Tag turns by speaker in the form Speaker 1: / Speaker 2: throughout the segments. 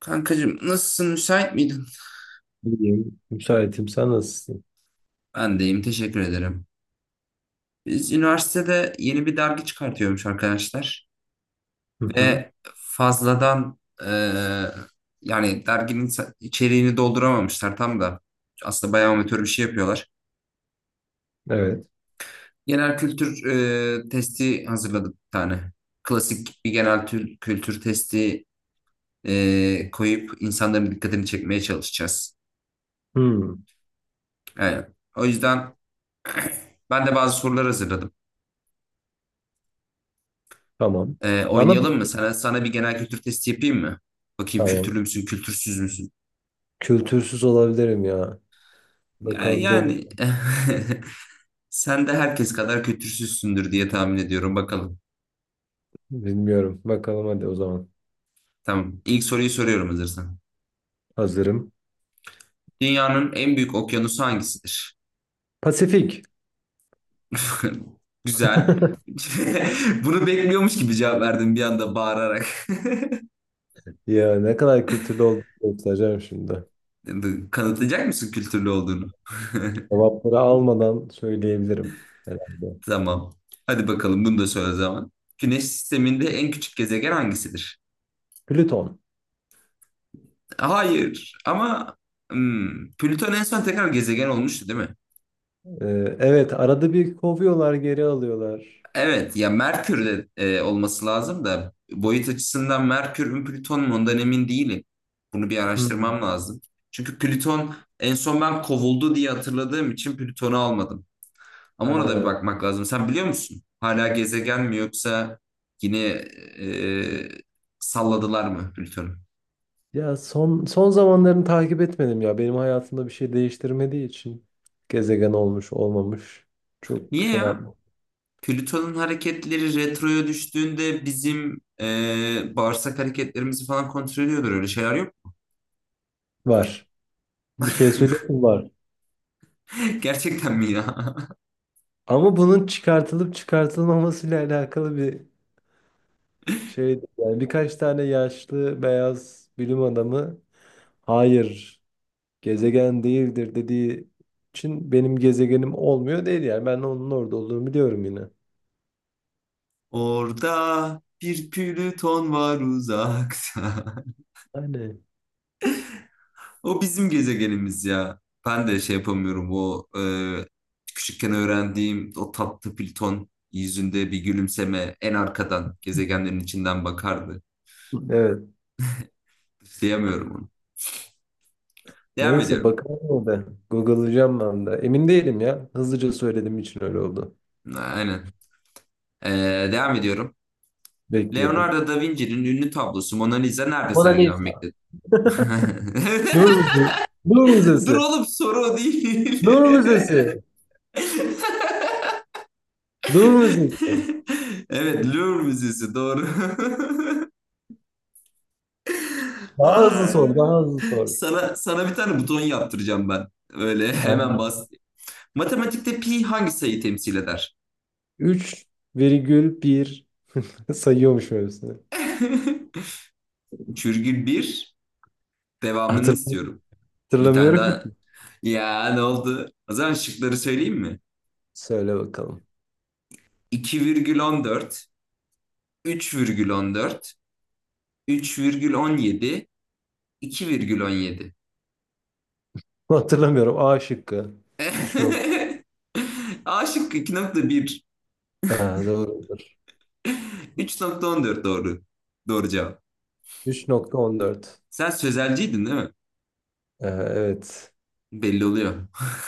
Speaker 1: Kankacığım nasılsın müsait miydin?
Speaker 2: İyiyim. Müsaitim. Sen nasılsın?
Speaker 1: Ben deyim teşekkür ederim. Biz üniversitede yeni bir dergi çıkartıyormuş arkadaşlar
Speaker 2: Hı hı.
Speaker 1: ve fazladan yani derginin içeriğini dolduramamışlar tam da aslında bayağı amatör bir şey yapıyorlar.
Speaker 2: Evet.
Speaker 1: Genel kültür testi hazırladık bir tane. Klasik bir genel kültür testi koyup insanların dikkatini çekmeye çalışacağız.
Speaker 2: Hı.
Speaker 1: Yani, o yüzden ben de bazı sorular hazırladım.
Speaker 2: Tamam. Bana mı?
Speaker 1: Oynayalım mı? Sana bir genel kültür testi yapayım mı? Bakayım
Speaker 2: Tamam.
Speaker 1: kültürlü müsün, kültürsüz müsün?
Speaker 2: Kültürsüz olabilirim ya. Bakalım
Speaker 1: Yani
Speaker 2: deli.
Speaker 1: sen de herkes kadar kültürsüzsündür diye tahmin ediyorum. Bakalım.
Speaker 2: Bilmiyorum. Bakalım hadi o zaman.
Speaker 1: Tamam. İlk soruyu soruyorum hazırsan.
Speaker 2: Hazırım.
Speaker 1: Dünyanın en büyük okyanusu hangisidir?
Speaker 2: Pasifik.
Speaker 1: Güzel. Bunu bekliyormuş gibi cevap verdim bir anda bağırarak.
Speaker 2: Ya ne kadar kültürlü olduğunu göstereceğim şimdi.
Speaker 1: Kanıtlayacak mısın kültürlü olduğunu?
Speaker 2: Cevapları almadan söyleyebilirim herhalde.
Speaker 1: Tamam. Hadi bakalım bunu da söyle o zaman. Güneş sisteminde en küçük gezegen hangisidir?
Speaker 2: Plüton.
Speaker 1: Hayır ama Plüton en son tekrar gezegen olmuştu değil mi?
Speaker 2: Ee, evet, arada bir kovuyorlar, geri alıyorlar.
Speaker 1: Evet ya Merkür'de olması lazım da boyut açısından Merkür mü Plüton mu ondan emin değilim. Bunu bir
Speaker 2: Hmm.
Speaker 1: araştırmam lazım. Çünkü Plüton en son ben kovuldu diye hatırladığım için Plüton'u almadım. Ama ona da bir
Speaker 2: Ha.
Speaker 1: bakmak lazım. Sen biliyor musun? Hala gezegen mi yoksa yine e, salladılar mı Plüton'u?
Speaker 2: Ya son son zamanlarını takip etmedim ya. Benim hayatımda bir şey değiştirmediği için gezegen olmuş olmamış çok
Speaker 1: Niye
Speaker 2: şey
Speaker 1: ya?
Speaker 2: yapma.
Speaker 1: Plüton'un hareketleri retroya düştüğünde bizim bağırsak hareketlerimizi falan kontrol ediyordur. Öyle şeyler yok.
Speaker 2: Var. Bir şey söyleyeyim mi? Var.
Speaker 1: Gerçekten mi ya?
Speaker 2: Ama bunun çıkartılıp çıkartılmamasıyla alakalı bir şey. Yani birkaç tane yaşlı beyaz bilim adamı hayır gezegen değildir dediği için benim gezegenim olmuyor değil yani. Ben onun orada olduğunu biliyorum yine.
Speaker 1: Orada bir Plüton var uzakta.
Speaker 2: Yani.
Speaker 1: O bizim gezegenimiz ya. Ben de şey yapamıyorum. O küçükken öğrendiğim o tatlı Plüton yüzünde bir gülümseme en arkadan gezegenlerin içinden bakardı.
Speaker 2: Evet.
Speaker 1: Diyemiyorum onu. Devam
Speaker 2: Neyse
Speaker 1: ediyorum.
Speaker 2: bakalım o da. Google'layacağım ben de. Emin değilim ya. Hızlıca söylediğim için öyle oldu.
Speaker 1: Aynen. E, devam ediyorum.
Speaker 2: Bekliyorum.
Speaker 1: Leonardo da Vinci'nin ünlü tablosu Mona Lisa nerede
Speaker 2: Mona Lisa.
Speaker 1: sergilenmektedir?
Speaker 2: Louvre
Speaker 1: Dur
Speaker 2: Müzesi.
Speaker 1: oğlum soru o değil.
Speaker 2: Louvre Müzesi. Louvre Müzesi. Louvre Müzesi.
Speaker 1: Evet, Louvre Müzesi doğru.
Speaker 2: Daha hızlı
Speaker 1: Ay.
Speaker 2: sor. Daha hızlı sor.
Speaker 1: Sana bir tane buton yaptıracağım ben. Öyle hemen
Speaker 2: Aynen.
Speaker 1: bas. Matematikte pi hangi sayıyı temsil eder?
Speaker 2: 3,1 sayıyormuş öylesine.
Speaker 1: Çürgül 1 devamını
Speaker 2: Hatırlamıyorum.
Speaker 1: istiyorum. Bir tane
Speaker 2: Hatırlamıyorum.
Speaker 1: daha.
Speaker 2: ki.
Speaker 1: Ya ne oldu? O zaman şıkları söyleyeyim mi?
Speaker 2: Söyle bakalım.
Speaker 1: 2,14, 3,14, 3,17, 2,17.
Speaker 2: Hatırlamıyorum. A şıkkı. 3 nokta.
Speaker 1: A şıkkı 2,1,
Speaker 2: Ha, doğrudur.
Speaker 1: 3,14 doğru. Doğru cevap.
Speaker 2: 3,14.
Speaker 1: Sen sözelciydin değil mi?
Speaker 2: Evet.
Speaker 1: Belli oluyor.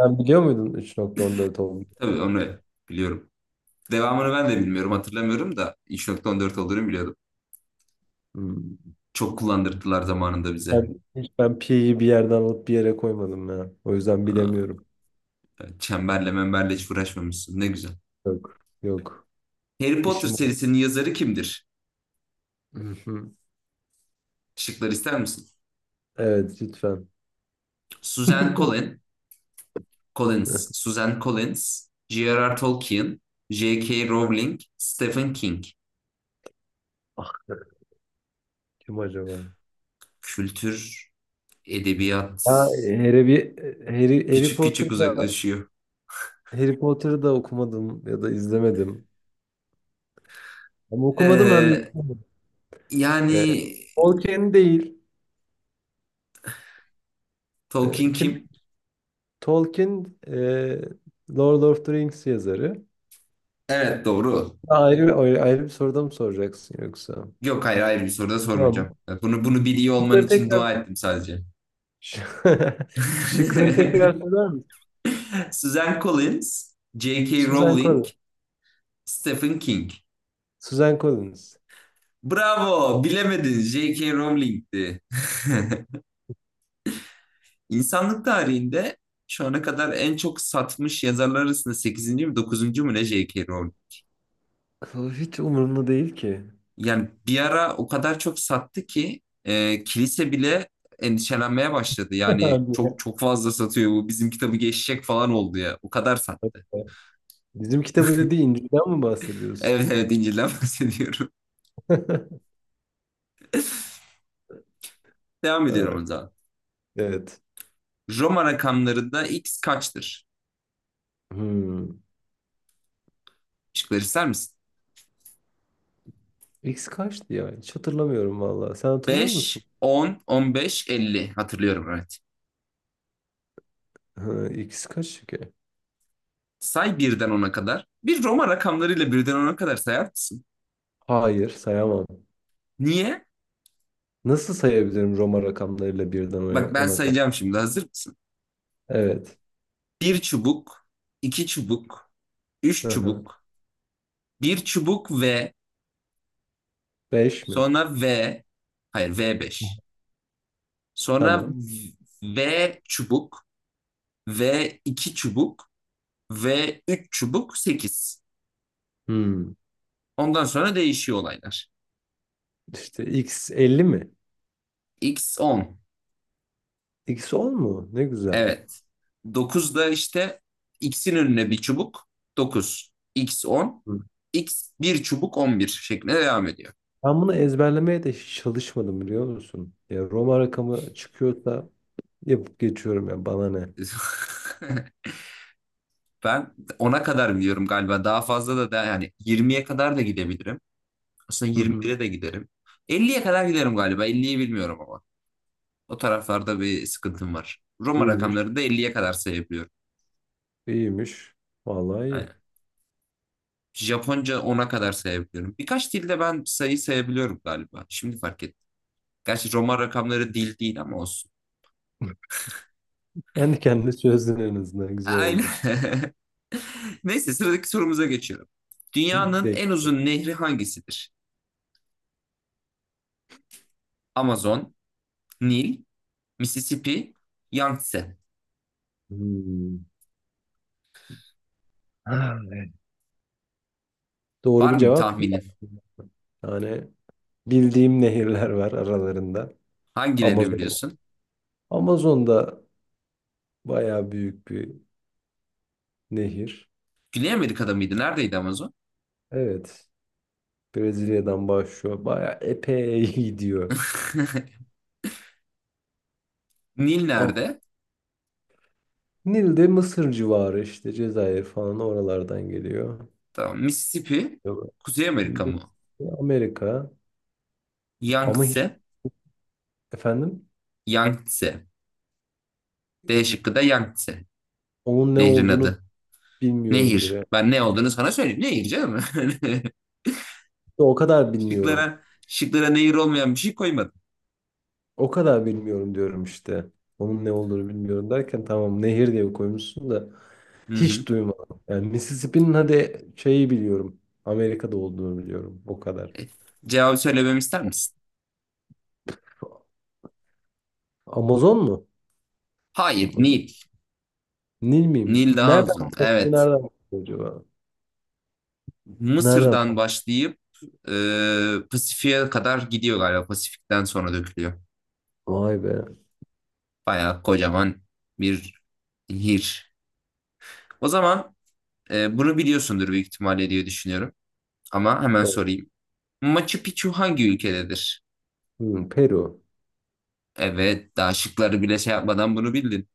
Speaker 2: Sen biliyor muydun 3,14 olduğunu?
Speaker 1: Tabii onu biliyorum. Devamını ben de bilmiyorum, hatırlamıyorum da 3,14 olduğunu biliyordum.
Speaker 2: Hmm.
Speaker 1: Çok kullandırdılar zamanında bize.
Speaker 2: Ben, hiç ben pi'yi bir yerden alıp bir yere koymadım ya. O yüzden
Speaker 1: Aa,
Speaker 2: bilemiyorum.
Speaker 1: evet, Çemberle memberle hiç uğraşmamışsın. Ne güzel.
Speaker 2: Yok. Yok.
Speaker 1: Harry Potter
Speaker 2: İşim o.
Speaker 1: serisinin yazarı kimdir?
Speaker 2: Hı hı.
Speaker 1: Şıklar ister misin?
Speaker 2: Evet lütfen.
Speaker 1: Suzanne Collins, Suzanne Collins, J.R.R. Tolkien, J.K. Rowling, Stephen King.
Speaker 2: Ah, kim acaba?
Speaker 1: Kültür, edebiyat
Speaker 2: Ha, Harry, Harry
Speaker 1: küçük küçük
Speaker 2: Potter'ı da,
Speaker 1: uzaklaşıyor.
Speaker 2: Harry Potter'ı da okumadım ya da izlemedim. Hem okumadım hem
Speaker 1: Ee,
Speaker 2: izlemedim. Ee,
Speaker 1: yani
Speaker 2: Tolkien değil.
Speaker 1: Tolkien
Speaker 2: Kim?
Speaker 1: kim?
Speaker 2: Tolkien, Lord of the Rings yazarı.
Speaker 1: Evet doğru.
Speaker 2: Ha, ayrı ayrı bir soruda mı soracaksın yoksa?
Speaker 1: Yok, hayır hayır, bir soru da
Speaker 2: Tamam.
Speaker 1: sormayacağım. Bunu biliyor olman
Speaker 2: Bunları
Speaker 1: için
Speaker 2: tekrar
Speaker 1: dua ettim sadece.
Speaker 2: Ş- Şıkları tekrar söyler misin?
Speaker 1: Suzanne Collins, J.K.
Speaker 2: Suzan
Speaker 1: Rowling,
Speaker 2: Collins.
Speaker 1: Stephen King.
Speaker 2: Suzan Collins.
Speaker 1: Bravo, bilemedin. J.K. Rowling'ti. İnsanlık tarihinde şu ana kadar en çok satmış yazarlar arasında sekizinci mi dokuzuncu mu ne J.K. Rowling.
Speaker 2: O hiç umurumda değil ki.
Speaker 1: Yani bir ara o kadar çok sattı ki kilise bile endişelenmeye başladı. Yani
Speaker 2: Hadi ya.
Speaker 1: çok çok fazla satıyor, bu bizim kitabı geçecek falan oldu ya. O kadar sattı.
Speaker 2: Bizim kitabı dediği İncil'den mi bahsediyorsun?
Speaker 1: Evet evet, İncil'den bahsediyorum. Devam
Speaker 2: Ha,
Speaker 1: ediyorum o zaman.
Speaker 2: evet.
Speaker 1: Roma rakamlarında X kaçtır?
Speaker 2: Hmm.
Speaker 1: Şıkları ister misin?
Speaker 2: X kaçtı ya? Hiç hatırlamıyorum valla. Sen hatırlıyor musun?
Speaker 1: Beş, on, on beş, elli. Hatırlıyorum evet.
Speaker 2: Ha, X kaç ki?
Speaker 1: Say birden ona kadar. Bir Roma rakamlarıyla birden ona kadar sayar mısın?
Speaker 2: Hayır, sayamam.
Speaker 1: Niye?
Speaker 2: Nasıl sayabilirim Roma rakamlarıyla birden ona,
Speaker 1: Bak ben
Speaker 2: ona kadar?
Speaker 1: sayacağım şimdi. Hazır mısın?
Speaker 2: Evet.
Speaker 1: Bir çubuk, iki çubuk, üç
Speaker 2: Hı hı.
Speaker 1: çubuk, bir çubuk ve
Speaker 2: Beş mi?
Speaker 1: sonra V, hayır v beş. Sonra
Speaker 2: Tamam.
Speaker 1: V çubuk, V iki çubuk, V üç çubuk, 8.
Speaker 2: Hmm.
Speaker 1: Ondan sonra değişiyor olaylar.
Speaker 2: İşte X 50 mi?
Speaker 1: X 10.
Speaker 2: X 10 mu? Ne güzel.
Speaker 1: Evet. 9 da işte x'in önüne bir çubuk, 9 x on,
Speaker 2: Hı.
Speaker 1: x bir çubuk 11 şeklinde devam ediyor.
Speaker 2: Ben bunu ezberlemeye de hiç çalışmadım biliyor musun? Ya Roma rakamı çıkıyorsa yapıp geçiyorum ya bana ne?
Speaker 1: Ben ona kadar biliyorum galiba. Daha fazla da yani yirmiye kadar da gidebilirim. Aslında
Speaker 2: Hı
Speaker 1: yirmi
Speaker 2: hı.
Speaker 1: bire de giderim. Elliye kadar giderim galiba. 50'yi bilmiyorum ama. O taraflarda bir sıkıntım var. Roma
Speaker 2: İyiymiş,
Speaker 1: rakamları da Elliye kadar sayabiliyorum.
Speaker 2: iyiymiş. Vallahi iyi.
Speaker 1: Aynen. Japonca ona kadar sayabiliyorum. Birkaç dilde ben sayı sayabiliyorum galiba. Şimdi fark ettim. Gerçi Roma rakamları dil değil ama olsun.
Speaker 2: Kendi kendine çözdün en azından güzel
Speaker 1: Aynen.
Speaker 2: oldu.
Speaker 1: Neyse sıradaki sorumuza geçiyorum. Dünyanın
Speaker 2: Bek.
Speaker 1: en uzun nehri hangisidir? Amazon, Nil, Mississippi, Yangtze.
Speaker 2: Hmm. Ha, evet. Doğru
Speaker 1: Var
Speaker 2: bir
Speaker 1: mı bir
Speaker 2: cevap yok.
Speaker 1: tahminin?
Speaker 2: Yani bildiğim nehirler var aralarında.
Speaker 1: Hangilerini
Speaker 2: Amazon.
Speaker 1: biliyorsun?
Speaker 2: Amazon da bayağı büyük bir nehir.
Speaker 1: Güney Amerika'da mıydı? Neredeydi Amazon?
Speaker 2: Evet. Brezilya'dan başlıyor. Bayağı epey gidiyor.
Speaker 1: Nil
Speaker 2: Ah,
Speaker 1: nerede?
Speaker 2: Nil de Mısır civarı işte Cezayir falan oralardan geliyor.
Speaker 1: Tamam. Mississippi,
Speaker 2: Yok.
Speaker 1: Kuzey Amerika mı?
Speaker 2: Amerika ama hiç
Speaker 1: Yangtze,
Speaker 2: efendim
Speaker 1: Yangtze. D şıkkı da Yangtze.
Speaker 2: onun ne
Speaker 1: Nehrin
Speaker 2: olduğunu
Speaker 1: adı.
Speaker 2: bilmiyorum
Speaker 1: Nehir.
Speaker 2: bile.
Speaker 1: Ben ne olduğunu sana söyleyeyim. Nehir canım.
Speaker 2: İşte o kadar bilmiyorum.
Speaker 1: Şıklara nehir olmayan bir şey koymadım.
Speaker 2: O kadar bilmiyorum diyorum işte. Onun ne olduğunu bilmiyorum derken tamam nehir diye koymuşsun da
Speaker 1: Hı hı.
Speaker 2: hiç duymadım. Yani Mississippi'nin hadi şeyi biliyorum. Amerika'da olduğunu biliyorum. O kadar.
Speaker 1: Cevabı söylememi ister misin?
Speaker 2: Amazon mu?
Speaker 1: Hayır,
Speaker 2: Amazon.
Speaker 1: Nil.
Speaker 2: Nil miymiş?
Speaker 1: Nil daha
Speaker 2: Nereden
Speaker 1: uzun.
Speaker 2: baktı?
Speaker 1: Evet.
Speaker 2: Nereden baktı acaba? Nereden
Speaker 1: Mısır'dan
Speaker 2: baktı?
Speaker 1: başlayıp Pasifik'e kadar gidiyor galiba. Pasifik'ten sonra dökülüyor.
Speaker 2: Vay be.
Speaker 1: Bayağı kocaman bir nehir. O zaman bunu biliyorsundur büyük ihtimalle diye düşünüyorum. Ama hemen
Speaker 2: So-
Speaker 1: sorayım. Machu Picchu hangi ülkededir?
Speaker 2: Peru.
Speaker 1: Evet, daha şıkları bile şey yapmadan bunu bildin.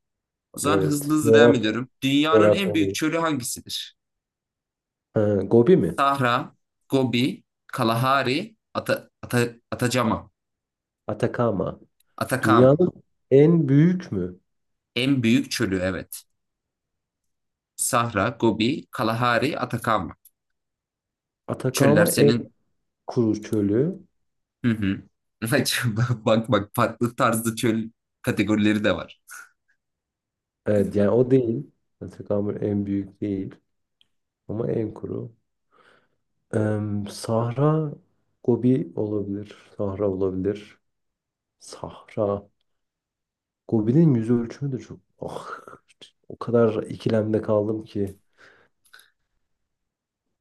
Speaker 1: O zaman hızlı
Speaker 2: Evet.
Speaker 1: hızlı devam
Speaker 2: Coğrafya.
Speaker 1: ediyorum. Dünyanın en
Speaker 2: Coğrafya.
Speaker 1: büyük
Speaker 2: değil.
Speaker 1: çölü hangisidir?
Speaker 2: Ha, Gobi mi?
Speaker 1: Sahra, Gobi, Kalahari, Atacama,
Speaker 2: Atakama.
Speaker 1: Atakama.
Speaker 2: Dünyanın en büyük mü?
Speaker 1: En büyük çölü evet. Sahra, Gobi, Kalahari, Atakama. Çöller
Speaker 2: Atakama en
Speaker 1: senin...
Speaker 2: kuru çölü.
Speaker 1: Hı hı. Bak bak, farklı tarzda çöl kategorileri de var.
Speaker 2: Evet yani o değil. Atakama en büyük değil. Ama en kuru. Sahra Gobi olabilir. Sahra olabilir. Sahra. Gobi'nin yüz ölçümü de çok. Ah, o kadar ikilemde kaldım ki.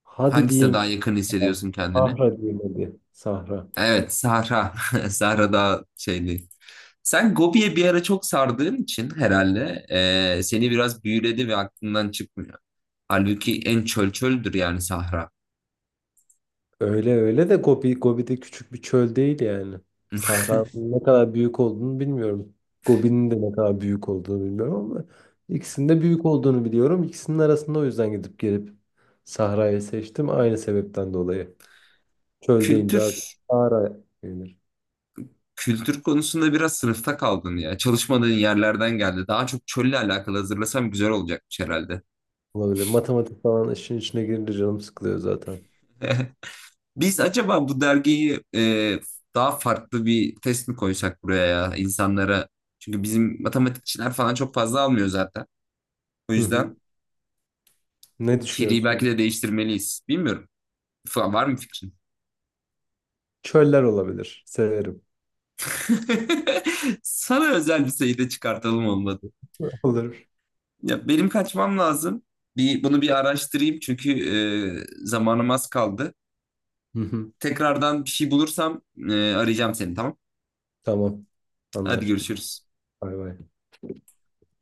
Speaker 2: Hadi
Speaker 1: Hangisine
Speaker 2: diyeyim
Speaker 1: daha
Speaker 2: ki.
Speaker 1: yakın hissediyorsun kendini?
Speaker 2: Sahra diyeyim hadi. Sahra.
Speaker 1: Evet, Sahra. Sahra daha şeyli. Sen Gobi'ye bir ara çok sardığın için herhalde seni biraz büyüledi ve aklından çıkmıyor. Halbuki en çöl çöldür, yani Sahra.
Speaker 2: Öyle öyle de Gobi, Gobi de küçük bir çöl değil yani. Sahra'nın ne kadar büyük olduğunu bilmiyorum. Gobi'nin de ne kadar büyük olduğunu bilmiyorum ama ikisinin de büyük olduğunu biliyorum. İkisinin arasında o yüzden gidip gelip Sahra'yı seçtim. Aynı sebepten dolayı. Çöl deyince aklıma
Speaker 1: Kültür,
Speaker 2: Sahra gelir.
Speaker 1: kültür konusunda biraz sınıfta kaldın ya. Çalışmadığın yerlerden geldi. Daha çok çölle alakalı hazırlasam güzel olacakmış herhalde.
Speaker 2: Olabilir. Matematik falan işin içine girince canım sıkılıyor zaten.
Speaker 1: Biz acaba bu dergiyi daha farklı bir test mi koysak buraya ya insanlara? Çünkü bizim matematikçiler falan çok fazla almıyor zaten. O
Speaker 2: Hı
Speaker 1: yüzden
Speaker 2: hı. Ne
Speaker 1: içeriği belki
Speaker 2: düşünüyorsunuz?
Speaker 1: de değiştirmeliyiz. Bilmiyorum. Falan var mı fikrin?
Speaker 2: Çöller olabilir. Severim.
Speaker 1: Sana özel bir sayıda çıkartalım olmadı.
Speaker 2: Olur.
Speaker 1: Ya benim kaçmam lazım. Bir bunu bir araştırayım çünkü zamanım az kaldı.
Speaker 2: Hı hı.
Speaker 1: Tekrardan bir şey bulursam arayacağım seni, tamam.
Speaker 2: Tamam.
Speaker 1: Hadi
Speaker 2: Anlaştık.
Speaker 1: görüşürüz.
Speaker 2: Bay bay.